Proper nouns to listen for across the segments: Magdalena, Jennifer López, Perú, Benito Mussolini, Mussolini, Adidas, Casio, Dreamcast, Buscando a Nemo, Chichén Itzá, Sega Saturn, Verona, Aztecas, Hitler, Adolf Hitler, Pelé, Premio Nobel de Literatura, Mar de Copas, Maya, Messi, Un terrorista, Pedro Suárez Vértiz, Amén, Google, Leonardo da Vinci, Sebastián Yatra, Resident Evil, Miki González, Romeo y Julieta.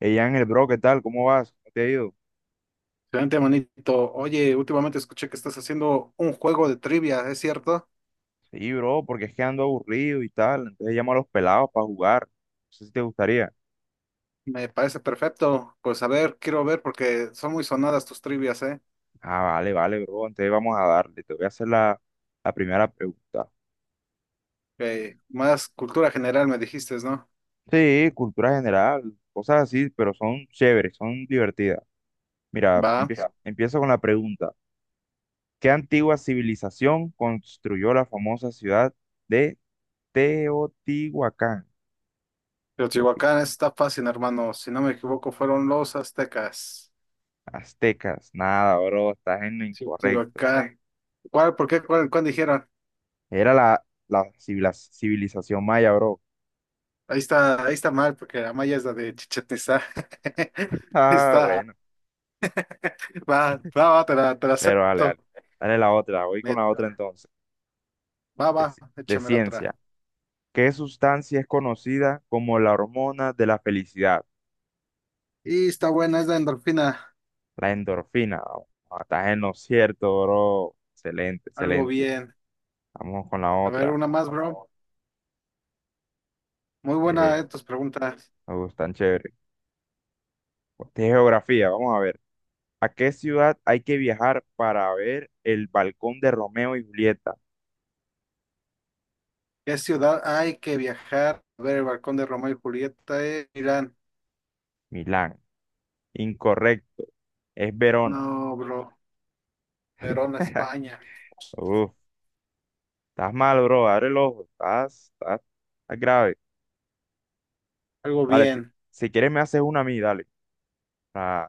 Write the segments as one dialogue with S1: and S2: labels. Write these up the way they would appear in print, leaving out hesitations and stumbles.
S1: Ey, Ángel, bro, ¿qué tal? ¿Cómo vas? ¿Cómo te ha ido?
S2: Excelente, manito. Oye, últimamente escuché que estás haciendo un juego de trivia, ¿es cierto?
S1: Sí, bro, porque es que ando aburrido y tal. Entonces llamo a los pelados para jugar. No sé si te gustaría.
S2: Me parece perfecto. Pues a ver, quiero ver porque son muy sonadas tus trivias, ¿eh?
S1: Ah, vale, vale, bro. Entonces vamos a darle. Te voy a hacer la primera pregunta.
S2: Más cultura general me dijiste, ¿no?
S1: Sí, cultura general, cosas así, pero son chéveres, son divertidas. Mira,
S2: Va.
S1: empiezo,
S2: Ya.
S1: empiezo con la pregunta. ¿Qué antigua civilización construyó la famosa ciudad de Teotihuacán? Teoti-
S2: Teotihuacán está fácil, hermano. Si no me equivoco, fueron los aztecas.
S1: Aztecas. Nada, bro, estás en lo
S2: Sí,
S1: incorrecto.
S2: Teotihuacán. ¿Cuál? ¿Por qué? ¿Cuál dijeron?
S1: Era la civilización maya, bro.
S2: Ahí está mal, porque la maya es la de Chichén Itzá.
S1: Ah,
S2: Está. Ah,
S1: bueno.
S2: va, va, va, te la
S1: Pero dale,
S2: acepto.
S1: dale. Dale la otra. Voy con
S2: Me-
S1: la otra entonces.
S2: Va,
S1: De,
S2: va,
S1: ci- de
S2: échame la
S1: ciencia.
S2: otra.
S1: ¿Qué sustancia es conocida como la hormona de la felicidad?
S2: Y está buena, es la endorfina.
S1: La endorfina. Oh, ah, estás en lo cierto, bro. Excelente,
S2: Algo
S1: excelente.
S2: bien.
S1: Vamos con la
S2: A ver,
S1: otra.
S2: una más, bro. Muy
S1: Eh,
S2: buena, tus preguntas.
S1: Me gustan chévere. De geografía, vamos a ver. ¿A qué ciudad hay que viajar para ver el balcón de Romeo y Julieta?
S2: ¿Qué ciudad hay que viajar? A ver, el balcón de Romeo y Julieta, Irán.
S1: Milán. Incorrecto. Es Verona.
S2: No, bro. Verona, España.
S1: Uf, estás mal, bro. Abre el ojo. Estás grave.
S2: Algo
S1: Dale, si,
S2: bien.
S1: si quieres me haces una a mí, dale. Ah,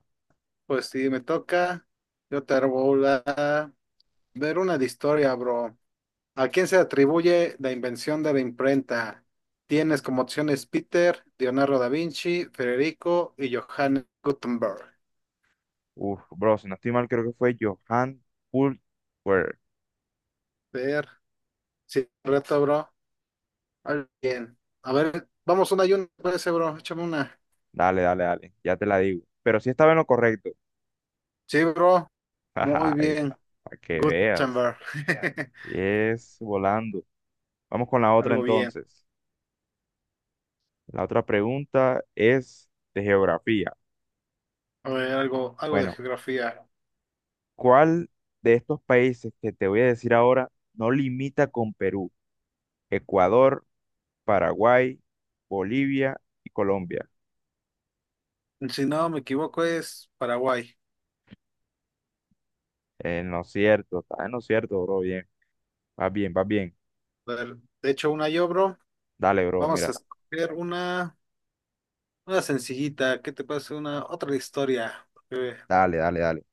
S2: Pues si me toca, yo te hago la. Ver una de historia, bro. ¿A quién se atribuye la invención de la imprenta? Tienes como opciones Peter, Leonardo da Vinci, Federico y Johannes Gutenberg.
S1: uf, bro, si no estoy mal, creo que fue Johan Pultwer.
S2: Ver, sí, reto, bro. Bien. A ver, vamos una y una, parece, bro. Échame una.
S1: Dale, dale, dale. Ya te la digo. Pero sí estaba en lo correcto.
S2: Sí, bro. Muy
S1: Ay,
S2: bien.
S1: para que veas.
S2: Gutenberg. Ya.
S1: Sí, es volando. Vamos con la otra
S2: Algo bien.
S1: entonces. La otra pregunta es de geografía.
S2: A ver, algo, algo de
S1: Bueno,
S2: geografía.
S1: ¿cuál de estos países que te voy a decir ahora no limita con Perú? Ecuador, Paraguay, Bolivia y Colombia.
S2: Si no me equivoco, es Paraguay.
S1: ¿No lo cierto, Está en lo cierto, bro. Bien, vas bien, vas bien.
S2: A ver, de hecho, una yo, bro.
S1: Dale, bro,
S2: Vamos a
S1: mira.
S2: escoger una sencillita. ¿Qué te parece? Una, otra de historia. Eh,
S1: Dale, dale, dale.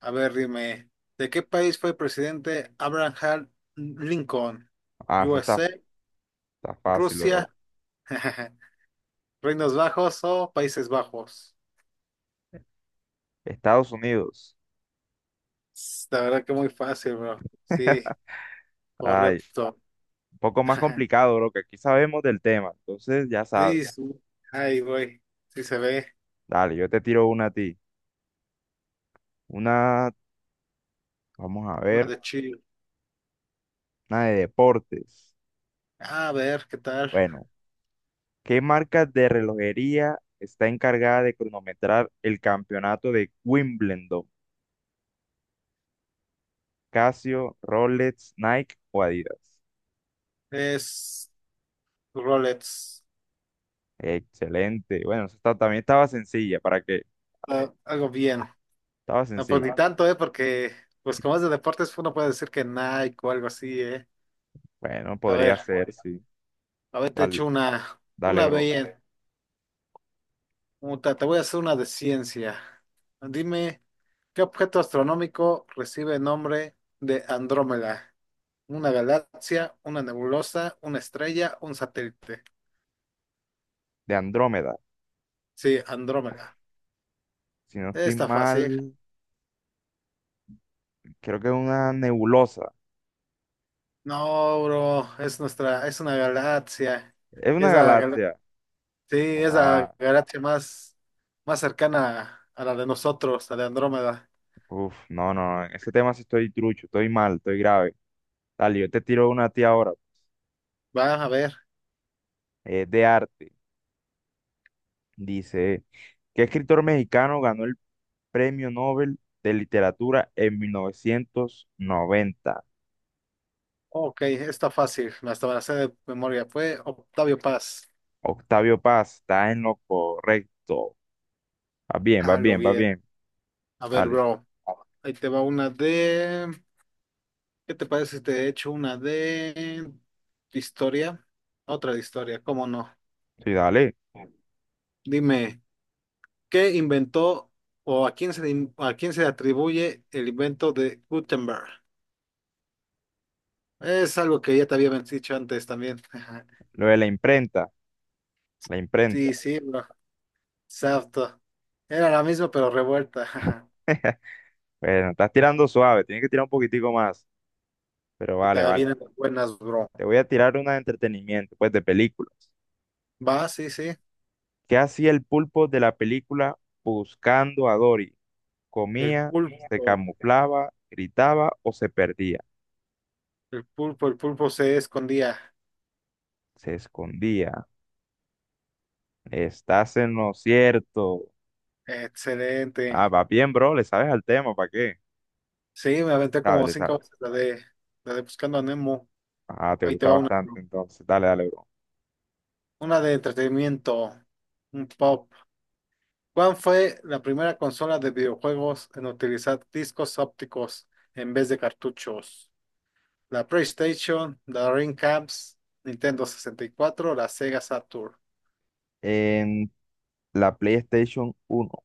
S2: a ver, dime. ¿De qué país fue presidente Abraham Lincoln?
S1: Ah, eso está,
S2: USA,
S1: está fácil,
S2: Rusia.
S1: bro.
S2: Reinos Bajos o Países Bajos.
S1: Estados Unidos.
S2: La verdad que muy fácil, bro. Sí,
S1: Ay,
S2: correcto.
S1: un poco más complicado, bro, que aquí sabemos del tema. Entonces, ya sabes.
S2: Sí, sí. Ahí voy. Sí se ve.
S1: Dale, yo te tiro una a ti. Una, vamos a
S2: Una
S1: ver,
S2: de Chile.
S1: una de deportes.
S2: A ver, ¿qué tal?
S1: Bueno, ¿qué marca de relojería está encargada de cronometrar el campeonato de Wimbledon? Casio, Rolex, Nike o Adidas.
S2: Es Rolex.
S1: Excelente. Bueno, esa está- también estaba sencilla. ¿Para qué?
S2: Ah, algo bien.
S1: Estaba
S2: No, pues
S1: sencilla.
S2: ni tanto, ¿eh? Porque, pues como es de deportes, uno puede decir que Nike o algo así, ¿eh?
S1: Bueno,
S2: A
S1: podría
S2: ver,
S1: ser, sí.
S2: a ver, te
S1: Vale,
S2: echo una,
S1: dale,
S2: una
S1: bro.
S2: bella. Muta, te voy a hacer una de ciencia. Dime, ¿qué objeto astronómico recibe el nombre de Andrómeda? ¿Una galaxia, una nebulosa, una estrella, un satélite?
S1: De Andrómeda.
S2: Sí, Andrómeda.
S1: Si no estoy
S2: Está fácil.
S1: mal, creo que es una nebulosa.
S2: No, bro, es nuestra, es una galaxia.
S1: Es una
S2: Es
S1: galaxia.
S2: sí, es la
S1: Ah,
S2: galaxia más cercana a la de nosotros, a la de Andrómeda.
S1: uf, no, no, no. En ese tema sí estoy trucho, estoy mal, estoy grave. Dale, yo te tiro una a ti ahora.
S2: Va a ver.
S1: Es de arte. Dice, ¿qué escritor mexicano ganó el Premio Nobel de Literatura en 1990?
S2: Ok, está fácil. Hasta me la sé de memoria. Fue Octavio Paz.
S1: Octavio Paz, está en lo correcto. Va bien, va
S2: Algo
S1: bien, va
S2: bien.
S1: bien.
S2: A ver,
S1: Dale,
S2: bro. Ahí te va una de... ¿Qué te parece si te echo una de historia? Otra de historia, ¿cómo no?
S1: sí, dale.
S2: Dime, ¿qué inventó o a quién se le atribuye el invento de Gutenberg? Es algo que ya te había dicho antes también.
S1: Lo de la imprenta, la
S2: Sí,
S1: imprenta.
S2: sí, bro. Exacto. Era la misma, pero revuelta.
S1: Bueno, estás tirando suave, tienes que tirar un poquitico más. Pero
S2: Y
S1: vale,
S2: también
S1: vale.
S2: vienen las buenas, bro.
S1: Te voy a tirar una de entretenimiento, pues de películas.
S2: Va, sí, sí.
S1: ¿Qué hacía el pulpo de la película Buscando a Dory?
S2: El
S1: ¿Comía, se
S2: pulpo.
S1: camuflaba, gritaba o se perdía?
S2: El pulpo, el pulpo se escondía.
S1: Se escondía. Estás en lo cierto. Ah,
S2: Excelente.
S1: va bien, bro, le sabes al tema, ¿para qué?
S2: Sí, me aventé
S1: Sabes,
S2: como
S1: le
S2: cinco
S1: sabes.
S2: veces la de Buscando a Nemo.
S1: Ah, te
S2: Ahí te
S1: gusta
S2: va una.
S1: bastante, entonces, dale, dale, bro.
S2: Una de entretenimiento. Un pop. ¿Cuál fue la primera consola de videojuegos en utilizar discos ópticos en vez de cartuchos? La PlayStation, la Dreamcast, Nintendo 64, la Sega Saturn.
S1: En la PlayStation 1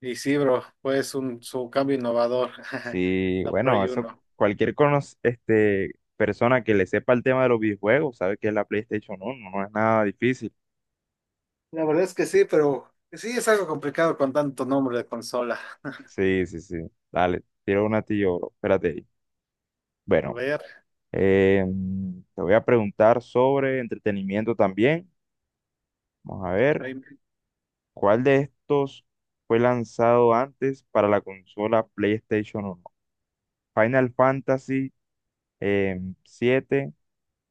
S2: Y sí, bro, fue un, su cambio innovador.
S1: sí,
S2: La
S1: bueno,
S2: Play
S1: eso,
S2: uno
S1: cualquier persona que le sepa el tema de los videojuegos sabe que es la PlayStation 1, no es nada difícil.
S2: La verdad es que sí, pero sí es algo complicado con tanto nombre de consola.
S1: Sí, sí, sí, dale, tiro una a ti, yo, bro, espérate ahí.
S2: A
S1: Bueno,
S2: ver,
S1: te voy a preguntar sobre entretenimiento también. Vamos a ver,
S2: ahí.
S1: ¿cuál de estos fue lanzado antes para la consola PlayStation 1? Final Fantasy 7,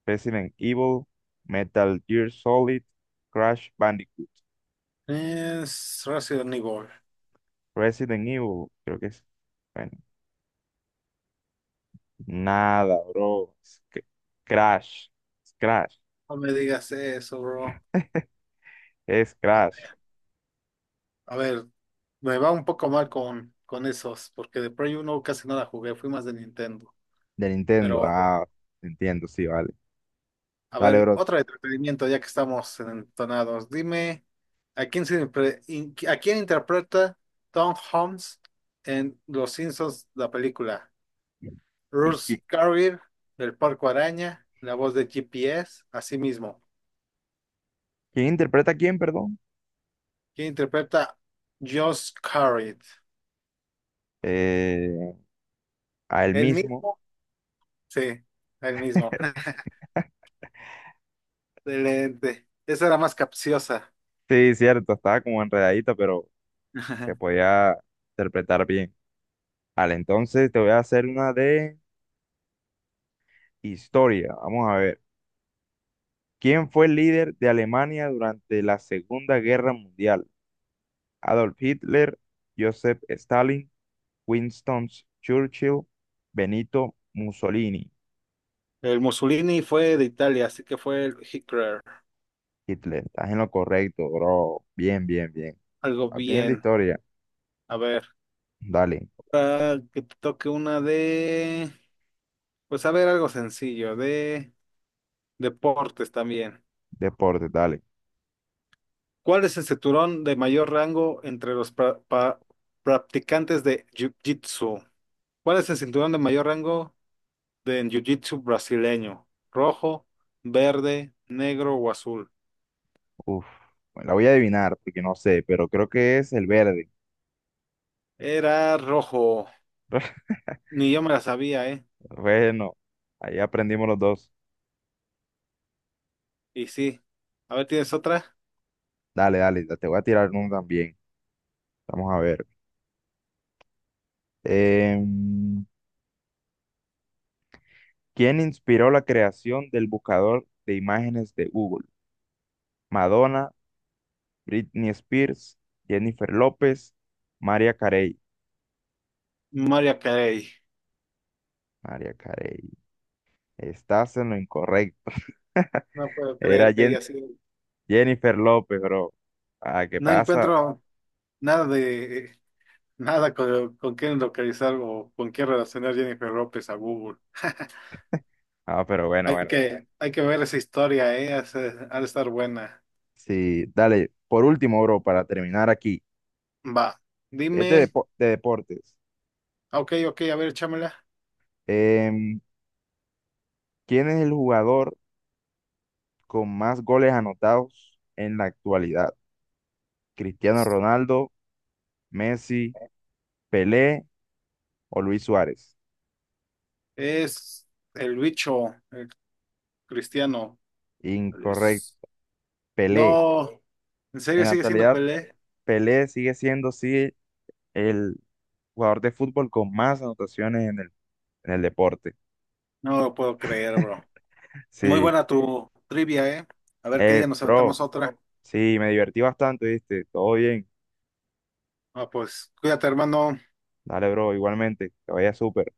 S1: Resident Evil, Metal Gear Solid, Crash Bandicoot.
S2: Es Resident Evil.
S1: Resident Evil, creo que es. Bueno, nada, bro. Crash. Es Crash.
S2: No me digas eso, bro.
S1: Es
S2: A
S1: Crash.
S2: ver, a ver, me va un poco mal con esos, porque de Play 1 casi no la jugué, fui más de Nintendo.
S1: De Nintendo.
S2: Pero,
S1: Ah, entiendo, sí, vale.
S2: a
S1: Dale,
S2: ver,
S1: bro.
S2: otro entretenimiento, ya que estamos entonados. Dime, ¿a quién, se impre- in- a quién interpreta Tom Holmes en Los Simpsons, la película?
S1: ¿Y
S2: Russ
S1: qui-
S2: Carrier, del Parco Araña, la voz de GPS, así mismo.
S1: Quién interpreta a quién, perdón?
S2: ¿Quién interpreta Josh Carrier?
S1: Eh, a él
S2: El
S1: mismo.
S2: mismo, sí, el mismo. Excelente. Esa era más capciosa.
S1: Sí, cierto, estaba como enredadita, pero se podía interpretar bien. Vale, entonces te voy a hacer una de historia. Vamos a ver. ¿Quién fue el líder de Alemania durante la Segunda Guerra Mundial? Adolf Hitler, Joseph Stalin, Winston Churchill, Benito Mussolini.
S2: El Mussolini fue de Italia, así que fue el Hitler.
S1: Hitler, estás en lo correcto, bro. Bien, bien, bien.
S2: Algo
S1: Vas bien de
S2: bien.
S1: historia.
S2: A ver,
S1: Dale,
S2: ahora que te toque una de, pues a ver, algo sencillo, de deportes también.
S1: deporte, dale.
S2: ¿Cuál es el cinturón de mayor rango entre los practicantes de Jiu-Jitsu? ¿Cuál es el cinturón de mayor rango de en Jiu-Jitsu brasileño? ¿Rojo, verde, negro o azul?
S1: Uf, bueno, la voy a adivinar porque no sé, pero creo que es el verde.
S2: Era rojo. Ni yo me la sabía, ¿eh?
S1: Bueno, ahí aprendimos los dos.
S2: Y sí. A ver, ¿tienes otra?
S1: Dale, dale, te voy a tirar uno también. Vamos a ver. Eh, ¿Quién inspiró la creación del buscador de imágenes de Google? Madonna, Britney Spears, Jennifer López, María Carey.
S2: Maria Carey.
S1: María Carey, estás en lo incorrecto.
S2: No puedo
S1: Era
S2: creer que haya sido.
S1: Jennifer López, bro. Ah, ¿qué
S2: No
S1: pasa?
S2: encuentro nada de nada con, quién localizar o con quién relacionar Jennifer López a Google.
S1: Ah, pero bueno,
S2: Hay
S1: bueno.
S2: que, hay que ver esa historia, ¿eh? Ha de estar buena.
S1: Sí, dale. Por último, bro, para terminar aquí.
S2: Va.
S1: Es
S2: Dime.
S1: de, depo- de deportes.
S2: Ah, Ok, ok, a ver, échamela.
S1: Em, ¿Quién es el jugador con más goles anotados en la actualidad? Cristiano Ronaldo, Messi, Pelé o Luis Suárez.
S2: Es el bicho, el cristiano. Es-
S1: Incorrecto. Pelé.
S2: No. ¿En
S1: En
S2: serio
S1: la
S2: sigue siendo
S1: actualidad,
S2: Pelé?
S1: Pelé sigue siendo, sí, el jugador de fútbol con más anotaciones en en el deporte.
S2: No lo puedo creer, bro. Muy
S1: Sí.
S2: buena tu trivia, ¿eh? A ver qué día nos
S1: Bro,
S2: aventamos otra.
S1: sí, me divertí bastante, ¿viste? Todo bien.
S2: Ah, pues cuídate, hermano.
S1: Dale, bro, igualmente. Que vaya súper.